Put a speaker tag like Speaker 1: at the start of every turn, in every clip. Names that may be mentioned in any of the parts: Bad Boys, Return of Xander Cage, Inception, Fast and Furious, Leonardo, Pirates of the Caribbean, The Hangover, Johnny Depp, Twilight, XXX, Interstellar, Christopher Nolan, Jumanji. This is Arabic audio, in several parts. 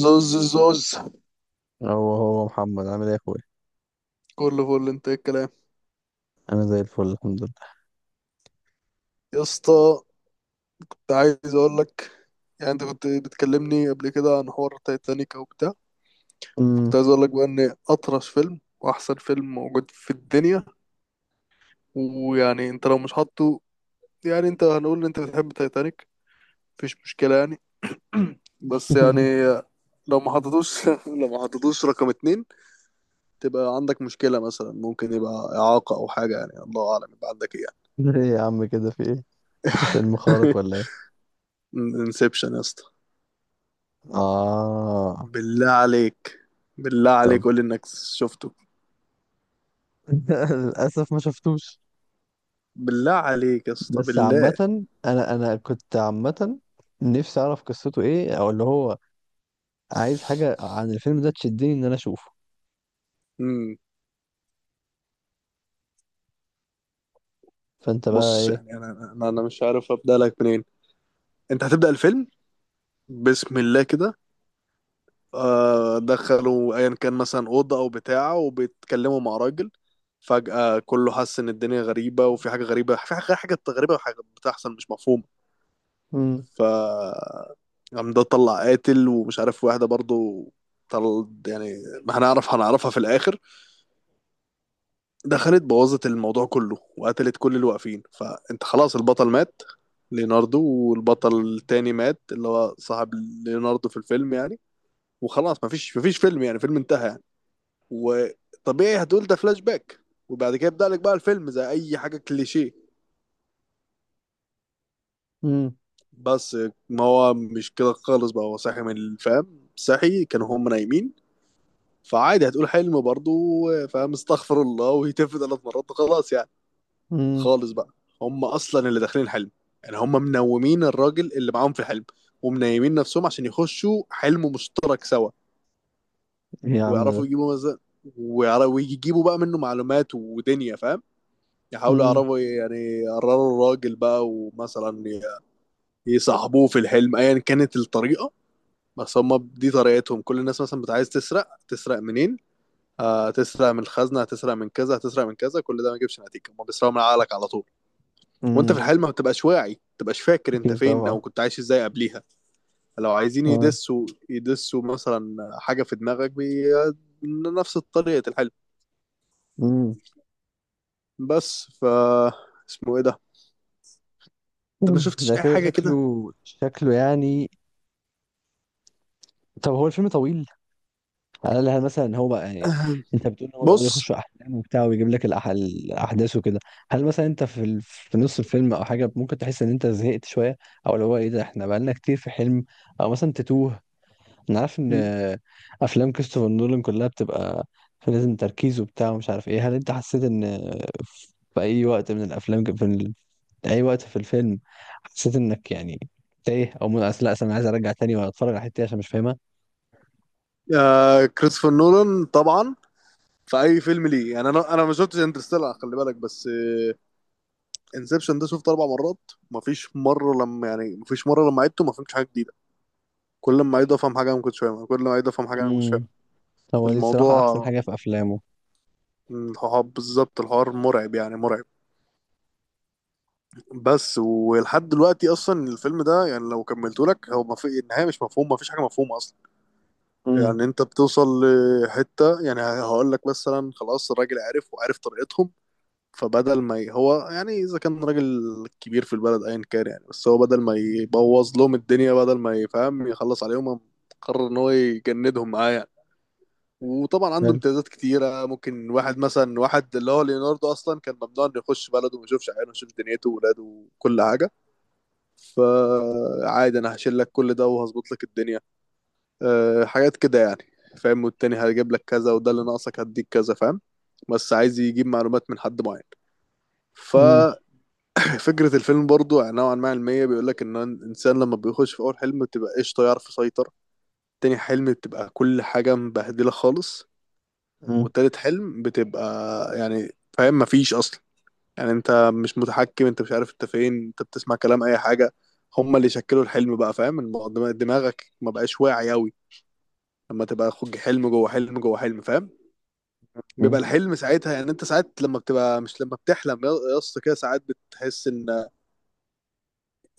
Speaker 1: زوز زوز.
Speaker 2: هو محمد عامل ايه يا اخويا؟
Speaker 1: كله فل، انت ايه الكلام؟
Speaker 2: انا زي الفل، الحمد لله.
Speaker 1: يا اسطى، كنت عايز اقول لك، يعني انت كنت بتكلمني قبل كده عن حوار تايتانيك وبتاع. كنت
Speaker 2: امم.
Speaker 1: عايز اقول لك بقى ان اطرش فيلم واحسن فيلم موجود في الدنيا. ويعني انت لو مش حاطه، يعني انت هنقول ان انت بتحب تايتانيك، مفيش مشكلة يعني. بس يعني لو ما حطيتوش لو ما حطيتوش رقم 2، تبقى عندك مشكلة. مثلا ممكن يبقى إعاقة أو حاجة، يعني الله أعلم يبقى عندك إيه.
Speaker 2: ايه يا عم، كده في ايه؟ ده فيلم خارق
Speaker 1: يعني
Speaker 2: ولا ايه؟
Speaker 1: انسبشن يا اسطى،
Speaker 2: اه.
Speaker 1: بالله عليك، بالله عليك
Speaker 2: طب.
Speaker 1: قول لي انك شفته.
Speaker 2: للاسف ما شفتوش.
Speaker 1: بالله عليك يا اسطى،
Speaker 2: بس عامه،
Speaker 1: بالله.
Speaker 2: انا كنت عامه، نفسي اعرف قصته ايه، او اللي هو عايز حاجه عن الفيلم ده تشدني ان انا اشوفه.
Speaker 1: امم
Speaker 2: فانت بقى
Speaker 1: بص
Speaker 2: ايه؟
Speaker 1: يعني انا مش عارف ابدا لك منين. انت هتبدا الفيلم بسم الله كده. دخلوا ايا كان، مثلا اوضه او بتاعه، وبيتكلموا مع راجل. فجاه كله حس ان الدنيا غريبه، وفي حاجه غريبه، في حاجه غريبه وحاجه بتحصل مش مفهومه.
Speaker 2: امم.
Speaker 1: ف قام ده طلع قاتل، ومش عارف واحده برضو طل، يعني ما هنعرف، هنعرفها في الاخر، دخلت بوظت الموضوع كله وقتلت كل اللي واقفين. فانت خلاص البطل مات، ليوناردو، والبطل التاني مات اللي هو صاحب ليوناردو في الفيلم يعني. وخلاص مفيش فيلم، يعني فيلم انتهى يعني. وطبيعي هتقول ده فلاش باك، وبعد كده يبدأ لك بقى الفيلم زي اي حاجة كليشيه.
Speaker 2: امم.
Speaker 1: بس ما هو مش كده خالص بقى، هو صاحي من الفهم، صحي، كانوا هم نايمين. فعادي هتقول حلم برضه، فاهم، استغفر الله، ويتف 3 مرات وخلاص يعني.
Speaker 2: امم.
Speaker 1: خالص بقى، هم اصلا اللي داخلين الحلم، يعني هم منومين الراجل اللي معاهم في الحلم، ومنيمين نفسهم عشان يخشوا حلم مشترك سوا.
Speaker 2: ايه يا عم
Speaker 1: ويعرفوا
Speaker 2: ده؟
Speaker 1: يجيبوا مثلا، ويجيبوا بقى منه معلومات ودنيا فاهم. يحاولوا
Speaker 2: امم.
Speaker 1: يعرفوا، يعني يقرروا الراجل بقى، ومثلا يصاحبوه في الحلم ايا كانت الطريقة. بس هم دي طريقتهم. كل الناس مثلا بتبقى عايز تسرق، تسرق منين؟ تسرق من الخزنة، هتسرق من كذا، هتسرق من كذا، كل ده ما يجيبش نتيجة. هم بيسرقوا من عقلك على طول، وانت في
Speaker 2: امم.
Speaker 1: الحال ما بتبقاش واعي، ما بتبقاش فاكر انت
Speaker 2: اكيد
Speaker 1: فين او
Speaker 2: طبعا.
Speaker 1: كنت عايش ازاي قبليها. لو عايزين
Speaker 2: آه.
Speaker 1: يدسوا، يدسوا مثلا حاجه في دماغك نفس طريقه الحلم.
Speaker 2: امم.
Speaker 1: بس اسمه ايه ده؟ انت ما شفتش
Speaker 2: ده
Speaker 1: اي
Speaker 2: كده
Speaker 1: حاجه
Speaker 2: شكله.
Speaker 1: كده؟
Speaker 2: شكله يعني. طب هو الفيلم طويل؟ قالها مثلا هو بقى يعني. انت بتقول ان هو بيقعد
Speaker 1: بص،
Speaker 2: يخش احلام وبتاع ويجيب لك الاحداث وكده. هل مثلا انت في في نص الفيلم او حاجه ممكن تحس ان انت زهقت شويه، او اللي هو ايه ده احنا بقالنا كتير في حلم، او مثلا تتوه. انا عارف ان افلام كريستوفر نولان كلها بتبقى لازم تركيز وبتاع ومش عارف ايه، هل انت حسيت ان في اي وقت من الافلام في اي وقت في الفيلم، حسيت انك يعني تايه او أصل لا أصل انا عايز ارجع تاني واتفرج على الحته دي عشان مش
Speaker 1: كريستوفر نولان طبعا في اي فيلم ليه يعني. انا ما شفتش انترستيلر خلي بالك، بس انسبشن ده شفته 4 مرات. ما فيش مره لما يعني، ما فيش مره لما عدته ما فهمتش حاجه جديده. كل ما عيد افهم حاجه انا ما كنتش فاهمها، كل ما عيد افهم حاجه انا ما كنتش
Speaker 2: فاهمها.
Speaker 1: فاهمها.
Speaker 2: هو دي الصراحة أحسن
Speaker 1: الموضوع
Speaker 2: حاجة في أفلامه.
Speaker 1: هو بالظبط الحوار مرعب يعني، مرعب. بس ولحد دلوقتي اصلا الفيلم ده، يعني لو كملته لك، هو ما في النهايه مش مفهوم، ما فيش حاجه مفهومه اصلا.
Speaker 2: امم.
Speaker 1: يعني انت بتوصل لحته، يعني هقول لك مثلا خلاص الراجل عرف وعرف طريقتهم، فبدل ما هو يعني، اذا كان راجل كبير في البلد ايا كان يعني، بس هو بدل ما يبوظ لهم الدنيا، بدل ما يفهم يخلص عليهم، قرر ان هو يجندهم معاه يعني. وطبعا عنده
Speaker 2: حلو.
Speaker 1: امتيازات كتيرة. ممكن واحد مثلا، واحد اللي هو ليوناردو، أصلا كان ممنوع إنه يخش بلده وما يشوفش عياله ويشوف دنيته وولاده وكل حاجة. فعادي أنا هشيل لك كل ده وهظبط لك الدنيا، أه حاجات كده يعني، فاهم. والتاني هجيب لك كذا، وده اللي ناقصك هديك كذا، فاهم. بس عايز يجيب معلومات من حد معين.
Speaker 2: امم.
Speaker 1: ففكرة الفيلم برضو يعني نوعا ما علمية، بيقول لك إن الإنسان لما بيخش في أول حلم بتبقى قشطة، يعرف يسيطر. تاني حلم بتبقى كل حاجة مبهدلة خالص.
Speaker 2: امم.
Speaker 1: وتالت حلم بتبقى يعني فاهم مفيش اصلا. يعني انت مش متحكم، انت مش عارف انت فين، انت بتسمع كلام اي حاجه. هما اللي شكلوا الحلم بقى فاهم. دماغك ما بقاش واعي قوي، لما تبقى خد حلم جوه حلم جوه حلم فاهم. بيبقى
Speaker 2: امم.
Speaker 1: الحلم ساعتها يعني، انت ساعات لما بتبقى مش، لما بتحلم يا اسطى كده، ساعات بتحس ان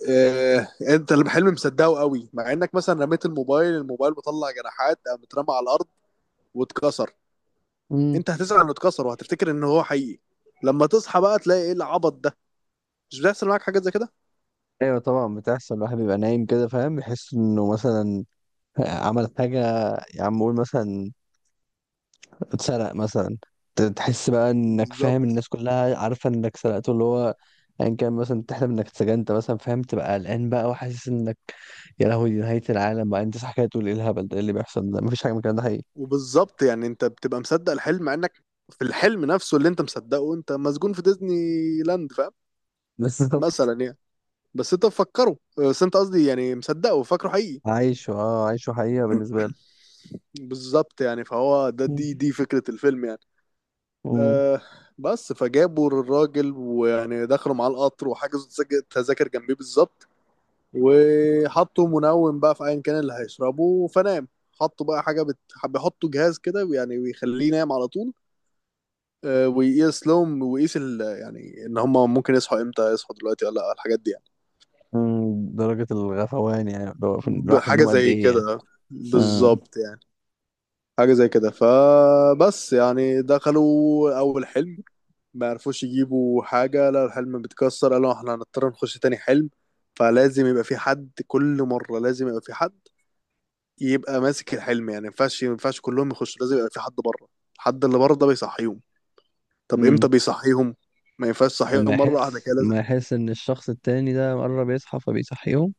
Speaker 1: اه انت الحلم مصدقه قوي، مع انك مثلا رميت الموبايل، الموبايل مطلع جناحات، قام اترمى على الارض واتكسر.
Speaker 2: أمم.
Speaker 1: انت هتزعل انه اتكسر، وهتفتكر ان هو حقيقي. لما تصحى بقى تلاقي ايه العبط ده؟ مش بيحصل معاك حاجات زي كده؟
Speaker 2: أيوة طبعا بتحصل، الواحد بيبقى نايم كده فاهم، يحس إنه مثلا عمل حاجة. يا عم قول مثلا اتسرق مثلا، تحس بقى إنك فاهم
Speaker 1: بالظبط.
Speaker 2: الناس كلها عارفة إنك سرقته اللي هو أيا كان، مثلا تحلم إنك اتسجنت مثلا فاهم، تبقى قلقان بقى وحاسس إنك يا لهوي دي نهاية العالم بقى، أنت صح كده تقول إيه الهبل ده، إيه اللي بيحصل ده، مفيش حاجة من الكلام ده حقيقي.
Speaker 1: وبالظبط يعني انت بتبقى مصدق الحلم، مع انك في الحلم نفسه اللي انت مصدقه انت مسجون في ديزني لاند فاهم،
Speaker 2: بالظبط.
Speaker 1: مثلا يعني. بس انت مفكره، بس انت قصدي يعني مصدقه وفاكره حقيقي.
Speaker 2: عايشه أه عايشه حقيقة بالنسبة له.
Speaker 1: بالظبط يعني. فهو ده، دي فكرة الفيلم يعني.
Speaker 2: امم.
Speaker 1: أه. بس فجابوا الراجل، ويعني دخلوا معاه القطر، وحجزوا تذاكر جنبيه بالظبط، وحطوا منوم بقى في ايا كان اللي هيشربه فنام. حطوا بقى حاجه بيحطوا جهاز كده، يعني بيخليه ينام على طول. ويقيس لهم، ويقيس يعني ان هم ممكن يصحوا امتى، يصحوا دلوقتي ولا لا، الحاجات دي يعني.
Speaker 2: مم، درجة الغفوان يعني لو راح في
Speaker 1: حاجه
Speaker 2: النوم قد
Speaker 1: زي
Speaker 2: إيه يعني.
Speaker 1: كده،
Speaker 2: آه.
Speaker 1: بالظبط يعني، حاجه زي كده. فبس يعني دخلوا اول حلم ما عرفوش يجيبوا حاجه، لا الحلم بيتكسر، قالوا احنا هنضطر نخش تاني حلم. فلازم يبقى في حد، كل مره لازم يبقى في حد يبقى ماسك الحلم، يعني ما ينفعش، ما ينفعش كلهم يخشوا، لازم يبقى في حد بره. الحد اللي بره ده بيصحيهم. طب امتى
Speaker 2: امم.
Speaker 1: بيصحيهم؟ ما ينفعش
Speaker 2: لما
Speaker 1: تصحيهم مره واحده
Speaker 2: يحس
Speaker 1: كده، لازم.
Speaker 2: لما يحس إن الشخص التاني ده قرب يصحى فبيصحيهم.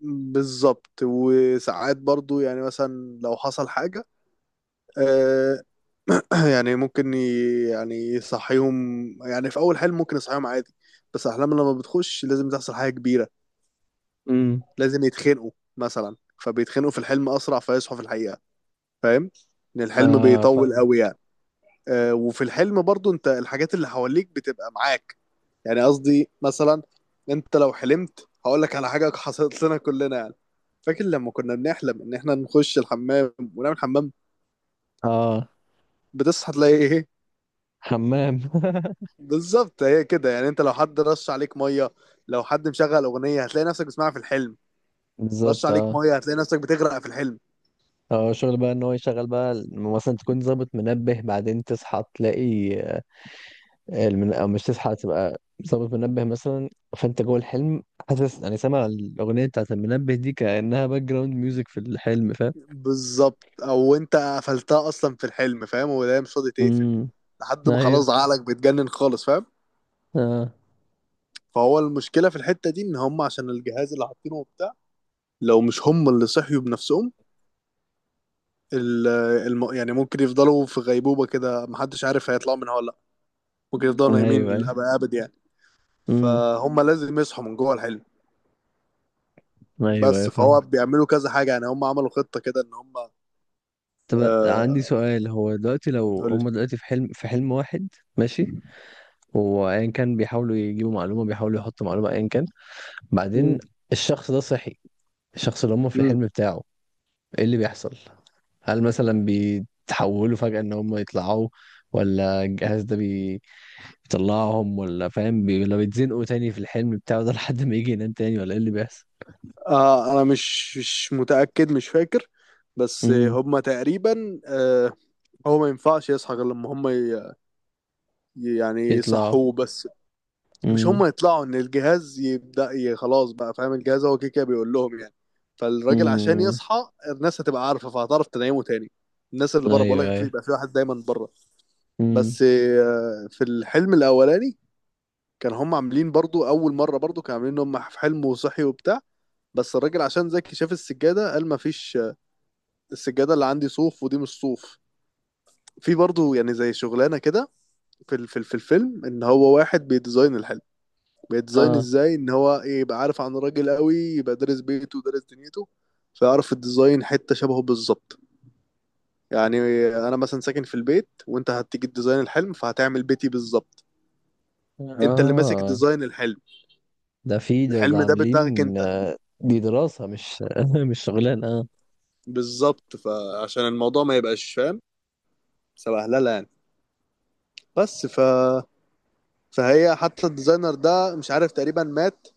Speaker 1: بالظبط. وساعات برضو يعني مثلا لو حصل حاجه، آه، يعني ممكن يعني يصحيهم. يعني في اول حلم ممكن يصحيهم عادي، بس احلام لما بتخش لازم تحصل حاجه كبيره،
Speaker 2: امم.
Speaker 1: لازم يتخنقوا مثلا. فبيتخنقوا في الحلم اسرع، فيصحوا في الحقيقه، فاهم، ان الحلم
Speaker 2: آه
Speaker 1: بيطول
Speaker 2: فاهم.
Speaker 1: قوي يعني. وفي الحلم برضو، انت الحاجات اللي حواليك بتبقى معاك. يعني قصدي مثلا، انت لو حلمت، هقول لك على حاجه حصلت لنا كلنا يعني. فاكر لما كنا بنحلم ان احنا نخش الحمام ونعمل حمام،
Speaker 2: آه.
Speaker 1: بتصحى تلاقي ايه؟
Speaker 2: حمام.
Speaker 1: بالظبط، هي كده يعني. انت لو حد رش عليك ميه، لو حد مشغل اغنيه هتلاقي نفسك بتسمعها في الحلم، رش
Speaker 2: بالظبط
Speaker 1: عليك
Speaker 2: آه.
Speaker 1: ميه هتلاقي نفسك بتغرق في الحلم.
Speaker 2: اه شغل بقى ان هو يشغل بقى مثلا تكون ظابط منبه، بعدين تصحى تلاقي او مش تصحى تبقى ظابط منبه مثلا، فانت جوه الحلم حاسس يعني سامع الاغنيه بتاعت المنبه دي كانها باك جراوند ميوزك في الحلم فاهم.
Speaker 1: بالظبط، او انت قفلتها اصلا في الحلم فاهم، ولا هي مش راضي تقفل
Speaker 2: امم.
Speaker 1: لحد ما
Speaker 2: ايوه.
Speaker 1: خلاص عقلك بيتجنن خالص فاهم.
Speaker 2: اه.
Speaker 1: فهو المشكله في الحته دي، ان هم عشان الجهاز اللي حاطينه وبتاع، لو مش هم اللي صحيوا بنفسهم، ال- يعني ممكن يفضلوا في غيبوبه كده، محدش عارف هيطلعوا منها ولا لا، ممكن يفضلوا
Speaker 2: ايوه
Speaker 1: نايمين
Speaker 2: ايوه.
Speaker 1: للابد ابد يعني.
Speaker 2: امم.
Speaker 1: فهم لازم يصحوا من جوه الحلم.
Speaker 2: ايوه ايوه
Speaker 1: بس
Speaker 2: فاهم.
Speaker 1: فهو بيعملوا كذا حاجه، يعني هم عملوا خطه كده ان هم
Speaker 2: طب عندي
Speaker 1: آه...
Speaker 2: سؤال، هو دلوقتي لو
Speaker 1: قول لي.
Speaker 2: هم دلوقتي في حلم واحد، ماشي، وايا كان بيحاولوا يجيبوا معلومه بيحاولوا يحطوا معلومه ايا كان، بعدين
Speaker 1: مم.
Speaker 2: الشخص ده صحي، الشخص اللي هم في
Speaker 1: مم.
Speaker 2: الحلم بتاعه، ايه اللي بيحصل؟ هل مثلا بيتحولوا فجأة ان هم يطلعوا، ولا الجهاز ده بيطلعهم، ولا فاهم ولا بيتزنقوا تاني في الحلم بتاعه ده لحد ما يجي ينام تاني، ولا ايه اللي بيحصل؟
Speaker 1: انا مش متاكد، مش فاكر، بس
Speaker 2: امم.
Speaker 1: هم تقريبا آه. هو ما ينفعش يصحى غير لما هم ي... يعني
Speaker 2: يطلعوا.
Speaker 1: يصحوه بس، مش هم يطلعوا، ان الجهاز يبدا خلاص بقى فاهم، الجهاز هو كده كده بيقول لهم يعني. فالراجل عشان
Speaker 2: امم.
Speaker 1: يصحى الناس هتبقى عارفه، فهتعرف تنيمه تاني. الناس اللي بره، بقول
Speaker 2: ايوه
Speaker 1: لك، في
Speaker 2: ايوه.
Speaker 1: بقى في واحد دايما بره.
Speaker 2: امم.
Speaker 1: بس آه، في الحلم الاولاني، كان هم عاملين برضو، اول مره برضو كانوا عاملين ان هم في حلم وصحي وبتاع، بس الراجل عشان ذكي شاف السجاده، قال ما فيش آه، السجاده اللي عندي صوف ودي مش صوف. في برضو يعني زي شغلانه كده في الفيلم، ان هو واحد بيديزاين الحلم. بيتزاين
Speaker 2: اه
Speaker 1: ازاي ان هو ايه، يبقى عارف عن الراجل قوي، يبقى دارس بيته ودارس دنيته، فيعرف الديزاين حتة شبهه بالظبط. يعني انا مثلا ساكن في البيت، وانت هتيجي تديزاين الحلم فهتعمل بيتي بالظبط. انت اللي ماسك
Speaker 2: اه.
Speaker 1: ديزاين الحلم،
Speaker 2: ده
Speaker 1: الحلم ده بدماغك
Speaker 2: عاملين
Speaker 1: انت.
Speaker 2: دي دراسة مش مش شغلانة اه.
Speaker 1: بالظبط. فعشان الموضوع ما يبقاش فاهم، سبهلله يعني. بس فهي حتى الديزاينر ده مش عارف، تقريبا مات،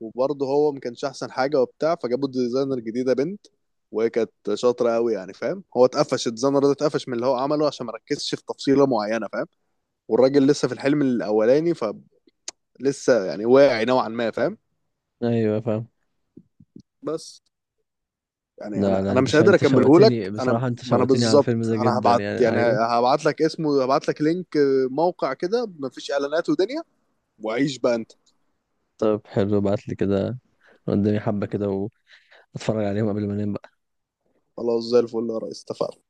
Speaker 1: وبرضه هو ما كانش احسن حاجه وبتاع، فجابوا الديزاينر جديده بنت، وهي كانت شاطره قوي يعني فاهم. هو اتقفش الديزاينر ده، اتقفش من اللي هو عمله عشان ما ركزش في تفصيله معينه فاهم. والراجل لسه في الحلم الاولاني، فلسه يعني واعي نوعا ما فاهم.
Speaker 2: ايوه فاهم.
Speaker 1: بس يعني
Speaker 2: لا
Speaker 1: انا
Speaker 2: لا،
Speaker 1: انا مش قادر
Speaker 2: انت
Speaker 1: اكمله
Speaker 2: شوقتني
Speaker 1: لك. انا
Speaker 2: بصراحة، انت
Speaker 1: ما انا
Speaker 2: شوقتني على الفيلم
Speaker 1: بالظبط،
Speaker 2: ده
Speaker 1: انا
Speaker 2: جدا
Speaker 1: هبعت،
Speaker 2: يعني
Speaker 1: يعني
Speaker 2: عايز...
Speaker 1: هبعت لك اسمه، هبعت لك لينك آه، موقع كده مفيش اعلانات ودنيا، وعيش بقى انت.
Speaker 2: طب حلو، ابعت لي كده قدامي حبة كده واتفرج عليهم قبل ما انام.
Speaker 1: خلاص زي الفل يا ريس، اتفقنا.